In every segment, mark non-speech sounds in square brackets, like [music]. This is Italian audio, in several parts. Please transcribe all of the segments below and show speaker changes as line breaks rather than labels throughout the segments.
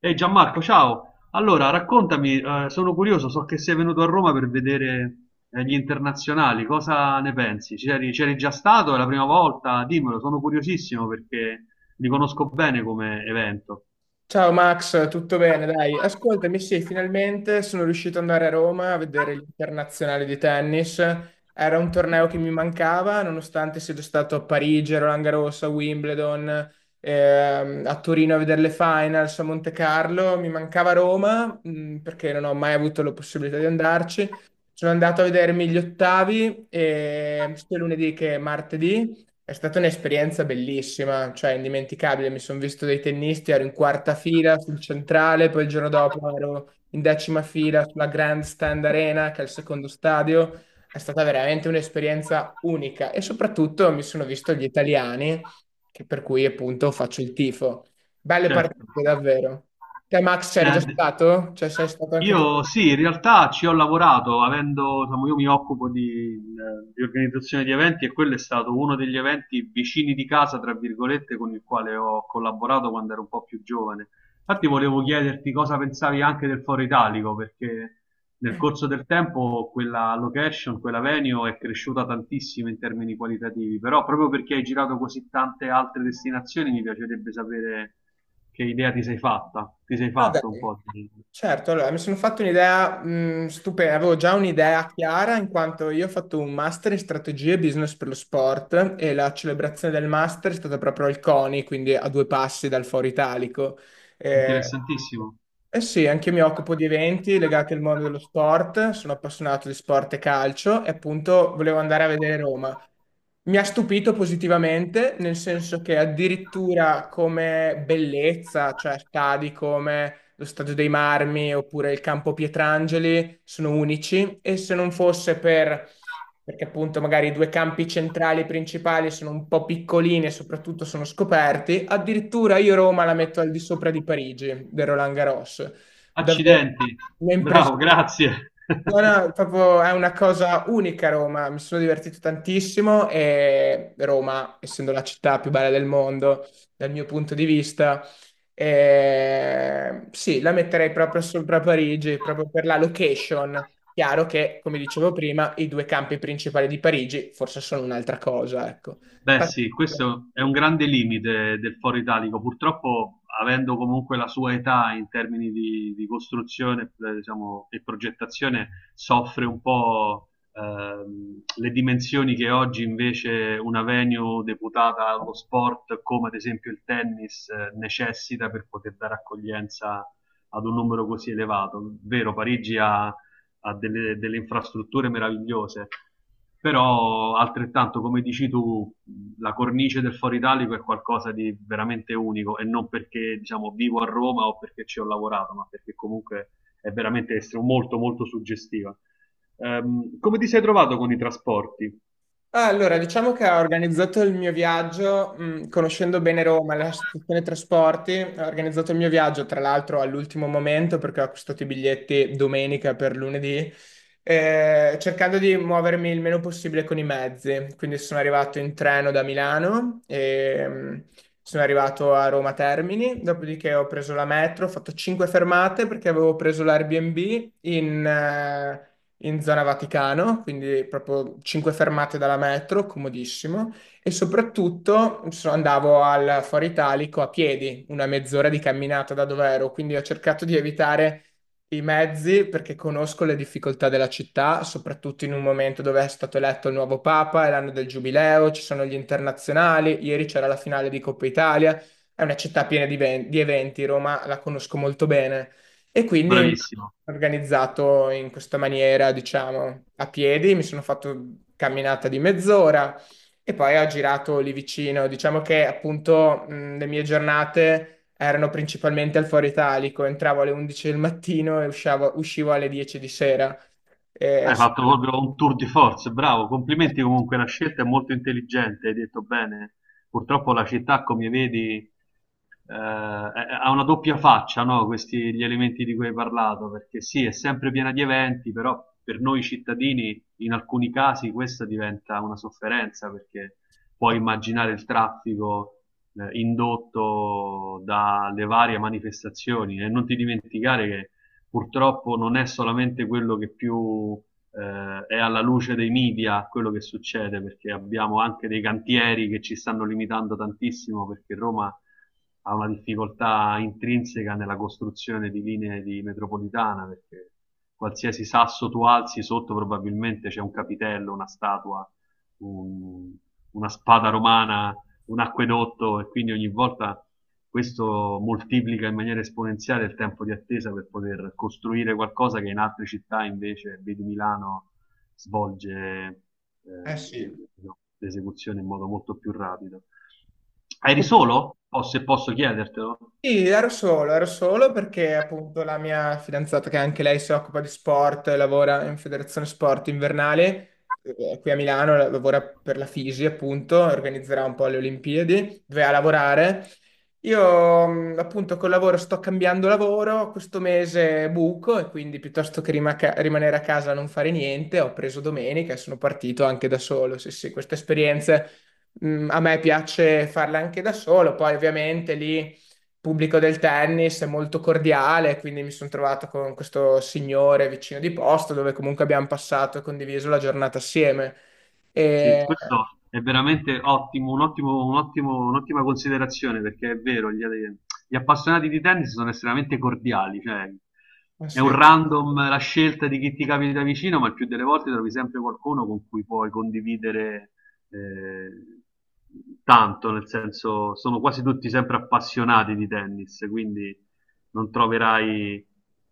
Ehi Gianmarco, ciao! Allora, raccontami, sono curioso, so che sei venuto a Roma per vedere gli internazionali, cosa ne pensi? C'eri già stato? È la prima volta? Dimmelo, sono curiosissimo perché li conosco bene come evento.
Ciao Max, tutto bene? Dai, ascoltami, sì, finalmente sono riuscito ad andare a Roma a vedere l'internazionale di tennis. Era un torneo che mi mancava, nonostante sia già stato a Parigi, a Roland Garros, a Wimbledon, a Torino a vedere le finals, a Monte Carlo. Mi mancava Roma, perché non ho mai avuto la possibilità di andarci. Sono andato a vedermi gli ottavi, sia lunedì che martedì, è stata un'esperienza bellissima, cioè indimenticabile. Mi sono visto dei tennisti, ero in quarta fila sul centrale, poi il giorno dopo ero in 10ª fila sulla Grandstand Arena, che è il secondo stadio. È stata veramente un'esperienza unica e soprattutto mi sono visto gli italiani, che per cui appunto faccio il tifo. Belle
Certo.
partite, davvero. Te, Max, c'eri già
Eh,
stato? Cioè, sei stato anche tu?
io sì, in realtà ci ho lavorato, avendo, insomma, io mi occupo di organizzazione di eventi e quello è stato uno degli eventi vicini di casa, tra virgolette, con il quale ho collaborato quando ero un po' più giovane. Infatti volevo chiederti cosa pensavi anche del Foro Italico, perché nel corso del tempo quella location, quella venue è cresciuta tantissimo in termini qualitativi, però proprio perché hai girato così tante altre destinazioni mi piacerebbe sapere che idea ti sei fatta, ti sei
Ah,
fatto un
dai.
po'.
Certo, allora mi sono fatto un'idea stupenda, avevo già un'idea chiara in quanto io ho fatto un master in strategie e business per lo sport e la celebrazione del master è stata proprio al CONI, quindi a due passi dal Foro Italico. Mm. Eh,
Interessantissimo.
eh sì, anche io mi occupo di eventi legati al mondo dello sport, sono appassionato di sport e calcio e appunto volevo andare a vedere Roma. Mi ha stupito positivamente, nel senso che addirittura come bellezza, cioè stadi come lo Stadio dei Marmi oppure il Campo Pietrangeli sono unici e se non fosse perché appunto magari i due campi centrali principali sono un po' piccolini e soprattutto sono scoperti. Addirittura io Roma la metto al di sopra di Parigi, del Roland Garros. Davvero,
Accidenti,
mi ha
bravo,
impressionato.
grazie. [laughs]
No, no, proprio è una cosa unica Roma, mi sono divertito tantissimo e Roma, essendo la città più bella del mondo, dal mio punto di vista, sì, la metterei proprio sopra Parigi, proprio per la location. Chiaro che, come dicevo prima, i due campi principali di Parigi forse sono un'altra cosa, ecco.
Beh, sì, questo è un grande limite del foro italico. Purtroppo, avendo comunque la sua età in termini di costruzione, diciamo, e progettazione, soffre un po' le dimensioni che oggi invece una venue deputata allo sport, come ad esempio il tennis, necessita per poter dare accoglienza ad un numero così elevato. Vero, Parigi ha delle infrastrutture meravigliose, però altrettanto, come dici tu, la cornice del Foro Italico è qualcosa di veramente unico e non perché diciamo, vivo a Roma o perché ci ho lavorato, ma perché comunque è veramente molto molto suggestiva. Come ti sei trovato con i trasporti?
Ah, allora, diciamo che ho organizzato il mio viaggio, conoscendo bene Roma, la stazione trasporti, ho organizzato il mio viaggio, tra l'altro all'ultimo momento perché ho acquistato i biglietti domenica per lunedì, cercando di muovermi il meno possibile con i mezzi. Quindi sono arrivato in treno da Milano e sono arrivato a Roma Termini, dopodiché ho preso la metro, ho fatto 5 fermate perché avevo preso l'Airbnb in zona Vaticano, quindi proprio cinque fermate dalla metro, comodissimo. E soprattutto andavo al Foro Italico a piedi, una mezz'ora di camminata da dove ero, quindi ho cercato di evitare i mezzi perché conosco le difficoltà della città, soprattutto in un momento dove è stato eletto il nuovo Papa, è l'anno del Giubileo, ci sono gli internazionali, ieri c'era la finale di Coppa Italia. È una città piena di eventi, Roma la conosco molto bene e quindi mi
Bravissimo.
sono organizzato in questa maniera, diciamo, a piedi, mi sono fatto camminata di mezz'ora e poi ho girato lì vicino. Diciamo che appunto le mie giornate erano principalmente al Foro Italico, entravo alle 11 del mattino e uscivo alle 10 di sera. Eh,
Hai
so-
fatto proprio un tour di force, bravo. Complimenti comunque, la scelta è molto intelligente, hai detto bene. Purtroppo la città, come vedi, ha una doppia faccia, no? Questi gli elementi di cui hai parlato, perché sì, è sempre piena di eventi, però per noi cittadini in alcuni casi questa diventa una sofferenza perché puoi immaginare il traffico indotto dalle varie manifestazioni e non ti dimenticare che purtroppo non è solamente quello che più è alla luce dei media quello che succede perché abbiamo anche dei cantieri che ci stanno limitando tantissimo perché Roma ha una difficoltà intrinseca nella costruzione di linee di metropolitana perché qualsiasi sasso tu alzi sotto probabilmente c'è un capitello, una statua, un- una spada romana, un acquedotto e quindi ogni volta questo moltiplica in maniera esponenziale il tempo di attesa per poter costruire qualcosa che in altre città invece, vedi Milano, svolge
eh, sì.
eh, l'esecuzione in modo molto più rapido. Eri solo? O se posso chiedertelo?
Sì, ero solo perché appunto la mia fidanzata, che anche lei si occupa di sport, lavora in Federazione Sport Invernale, qui a Milano, lavora per la Fisi appunto, organizzerà un po' le Olimpiadi, dove a lavorare. Io appunto col lavoro sto cambiando lavoro, questo mese buco e quindi piuttosto che rimanere a casa a non fare niente, ho preso domenica e sono partito anche da solo. Sì, sì, queste esperienze a me piace farle anche da solo, poi ovviamente lì pubblico del tennis è molto cordiale, quindi mi sono trovato con questo signore vicino di posto dove comunque abbiamo passato e condiviso la giornata assieme.
Sì,
E,
questo è veramente ottimo, un'ottima considerazione perché è vero, gli appassionati di tennis sono estremamente cordiali, cioè
eh,
è un
sì.
random la scelta di chi ti capita vicino, ma il più delle volte trovi sempre qualcuno con cui puoi condividere eh, tanto, nel senso sono quasi tutti sempre appassionati di tennis, quindi non troverai,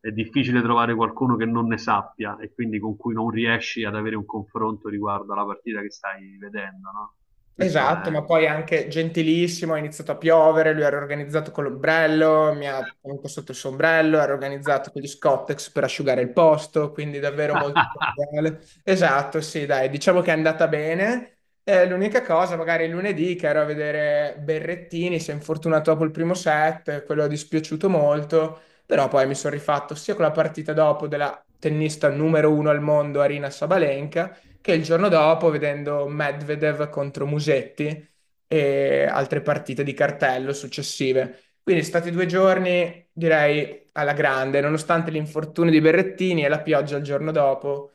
è difficile trovare qualcuno che non ne sappia e quindi con cui non riesci ad avere un confronto riguardo alla partita che stai vedendo, no? Questo
Esatto,
è...
ma poi anche gentilissimo, ha iniziato a piovere, lui era organizzato con l'ombrello, mi ha tenuto sotto il sombrello, era organizzato con gli Scottex per asciugare il posto, quindi davvero molto
[laughs]
cordiale. Esatto, sì, dai, diciamo che è andata bene. L'unica cosa, magari lunedì che ero a vedere Berrettini, si è infortunato dopo il primo set, quello è dispiaciuto molto, però poi mi sono rifatto sia con la partita dopo della tennista numero uno al mondo, Arina Sabalenka, che il giorno dopo, vedendo Medvedev contro Musetti e altre partite di cartello successive. Quindi sono stati 2 giorni, direi, alla grande, nonostante l'infortunio di Berrettini e la pioggia il giorno dopo.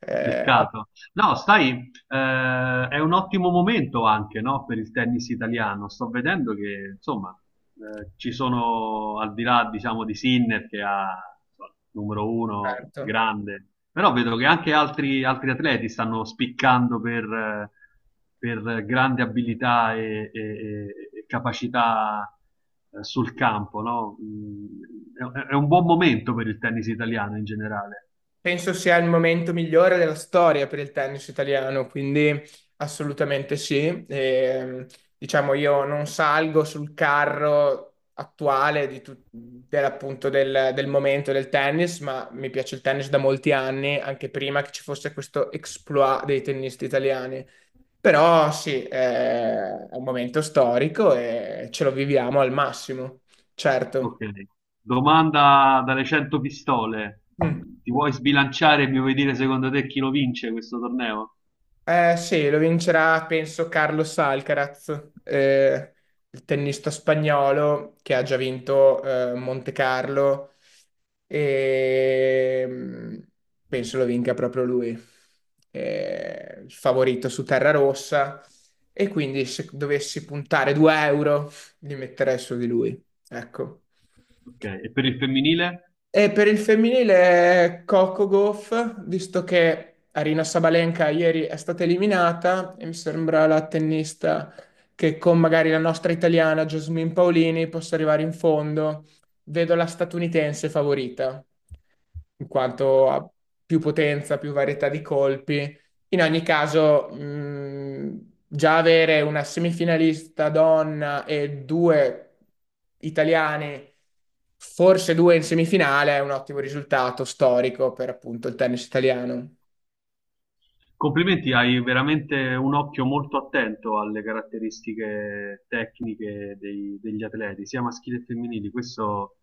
Ha
Peccato. No, sai, è un ottimo momento anche, no, per il tennis italiano. Sto vedendo che, insomma, ci sono, al di là, diciamo, di Sinner, che ha insomma, numero uno,
aperto.
grande, però vedo che anche altri atleti stanno spiccando per grande abilità e, e capacità sul campo, no? Mm, è un buon momento per il tennis italiano in generale.
Penso sia il momento migliore della storia per il tennis italiano, quindi assolutamente sì. E, diciamo, io non salgo sul carro attuale di appunto del momento del tennis, ma mi piace il tennis da molti anni, anche prima che ci fosse questo exploit dei tennisti italiani. Però sì, è un momento storico e ce lo viviamo al massimo, certo.
Ok. Domanda dalle 100 pistole.
Mm.
Ti vuoi sbilanciare e mi vuoi dire secondo te chi lo vince questo torneo?
Eh sì, lo vincerà penso Carlos Alcaraz, il tennista spagnolo che ha già vinto Monte Carlo e penso lo vinca proprio lui, il favorito su terra rossa e quindi se dovessi puntare 2 euro li metterei su di lui, ecco.
Ok. E per il femminile?
E per il femminile è Coco Gauff, visto che Arina Sabalenka ieri è stata eliminata e mi sembra la tennista che con magari la nostra italiana Jasmine Paolini possa arrivare in fondo. Vedo la statunitense favorita in quanto ha più potenza, più varietà di colpi. In ogni caso, già avere una semifinalista donna e due italiani, forse due in semifinale, è un ottimo risultato storico per appunto il tennis italiano.
Complimenti, hai veramente un occhio molto attento alle caratteristiche tecniche degli atleti, sia maschili che femminili. Questo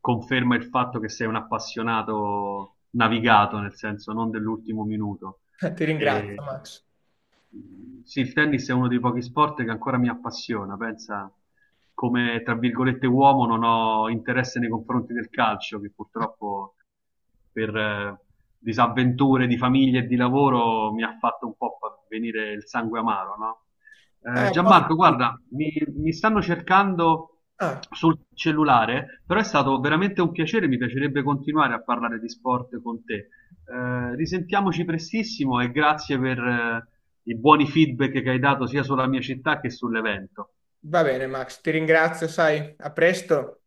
conferma il fatto che sei un appassionato navigato, nel senso non dell'ultimo minuto.
[laughs] Ti ringrazio,
E,
Max.
sì, il tennis è uno dei pochi sport che ancora mi appassiona. Pensa, come tra virgolette uomo, non ho interesse nei confronti del calcio, che purtroppo per disavventure di famiglia e di lavoro mi ha fatto un po' venire il sangue amaro, no?
Eh, posso-
Gianmarco, guarda, mi stanno cercando
Ah,
sul cellulare, però è stato veramente un piacere, mi piacerebbe continuare a parlare di sport con te. Risentiamoci prestissimo e grazie per i buoni feedback che hai dato sia sulla mia città che sull'evento.
va bene, Max, ti ringrazio, sai, a presto.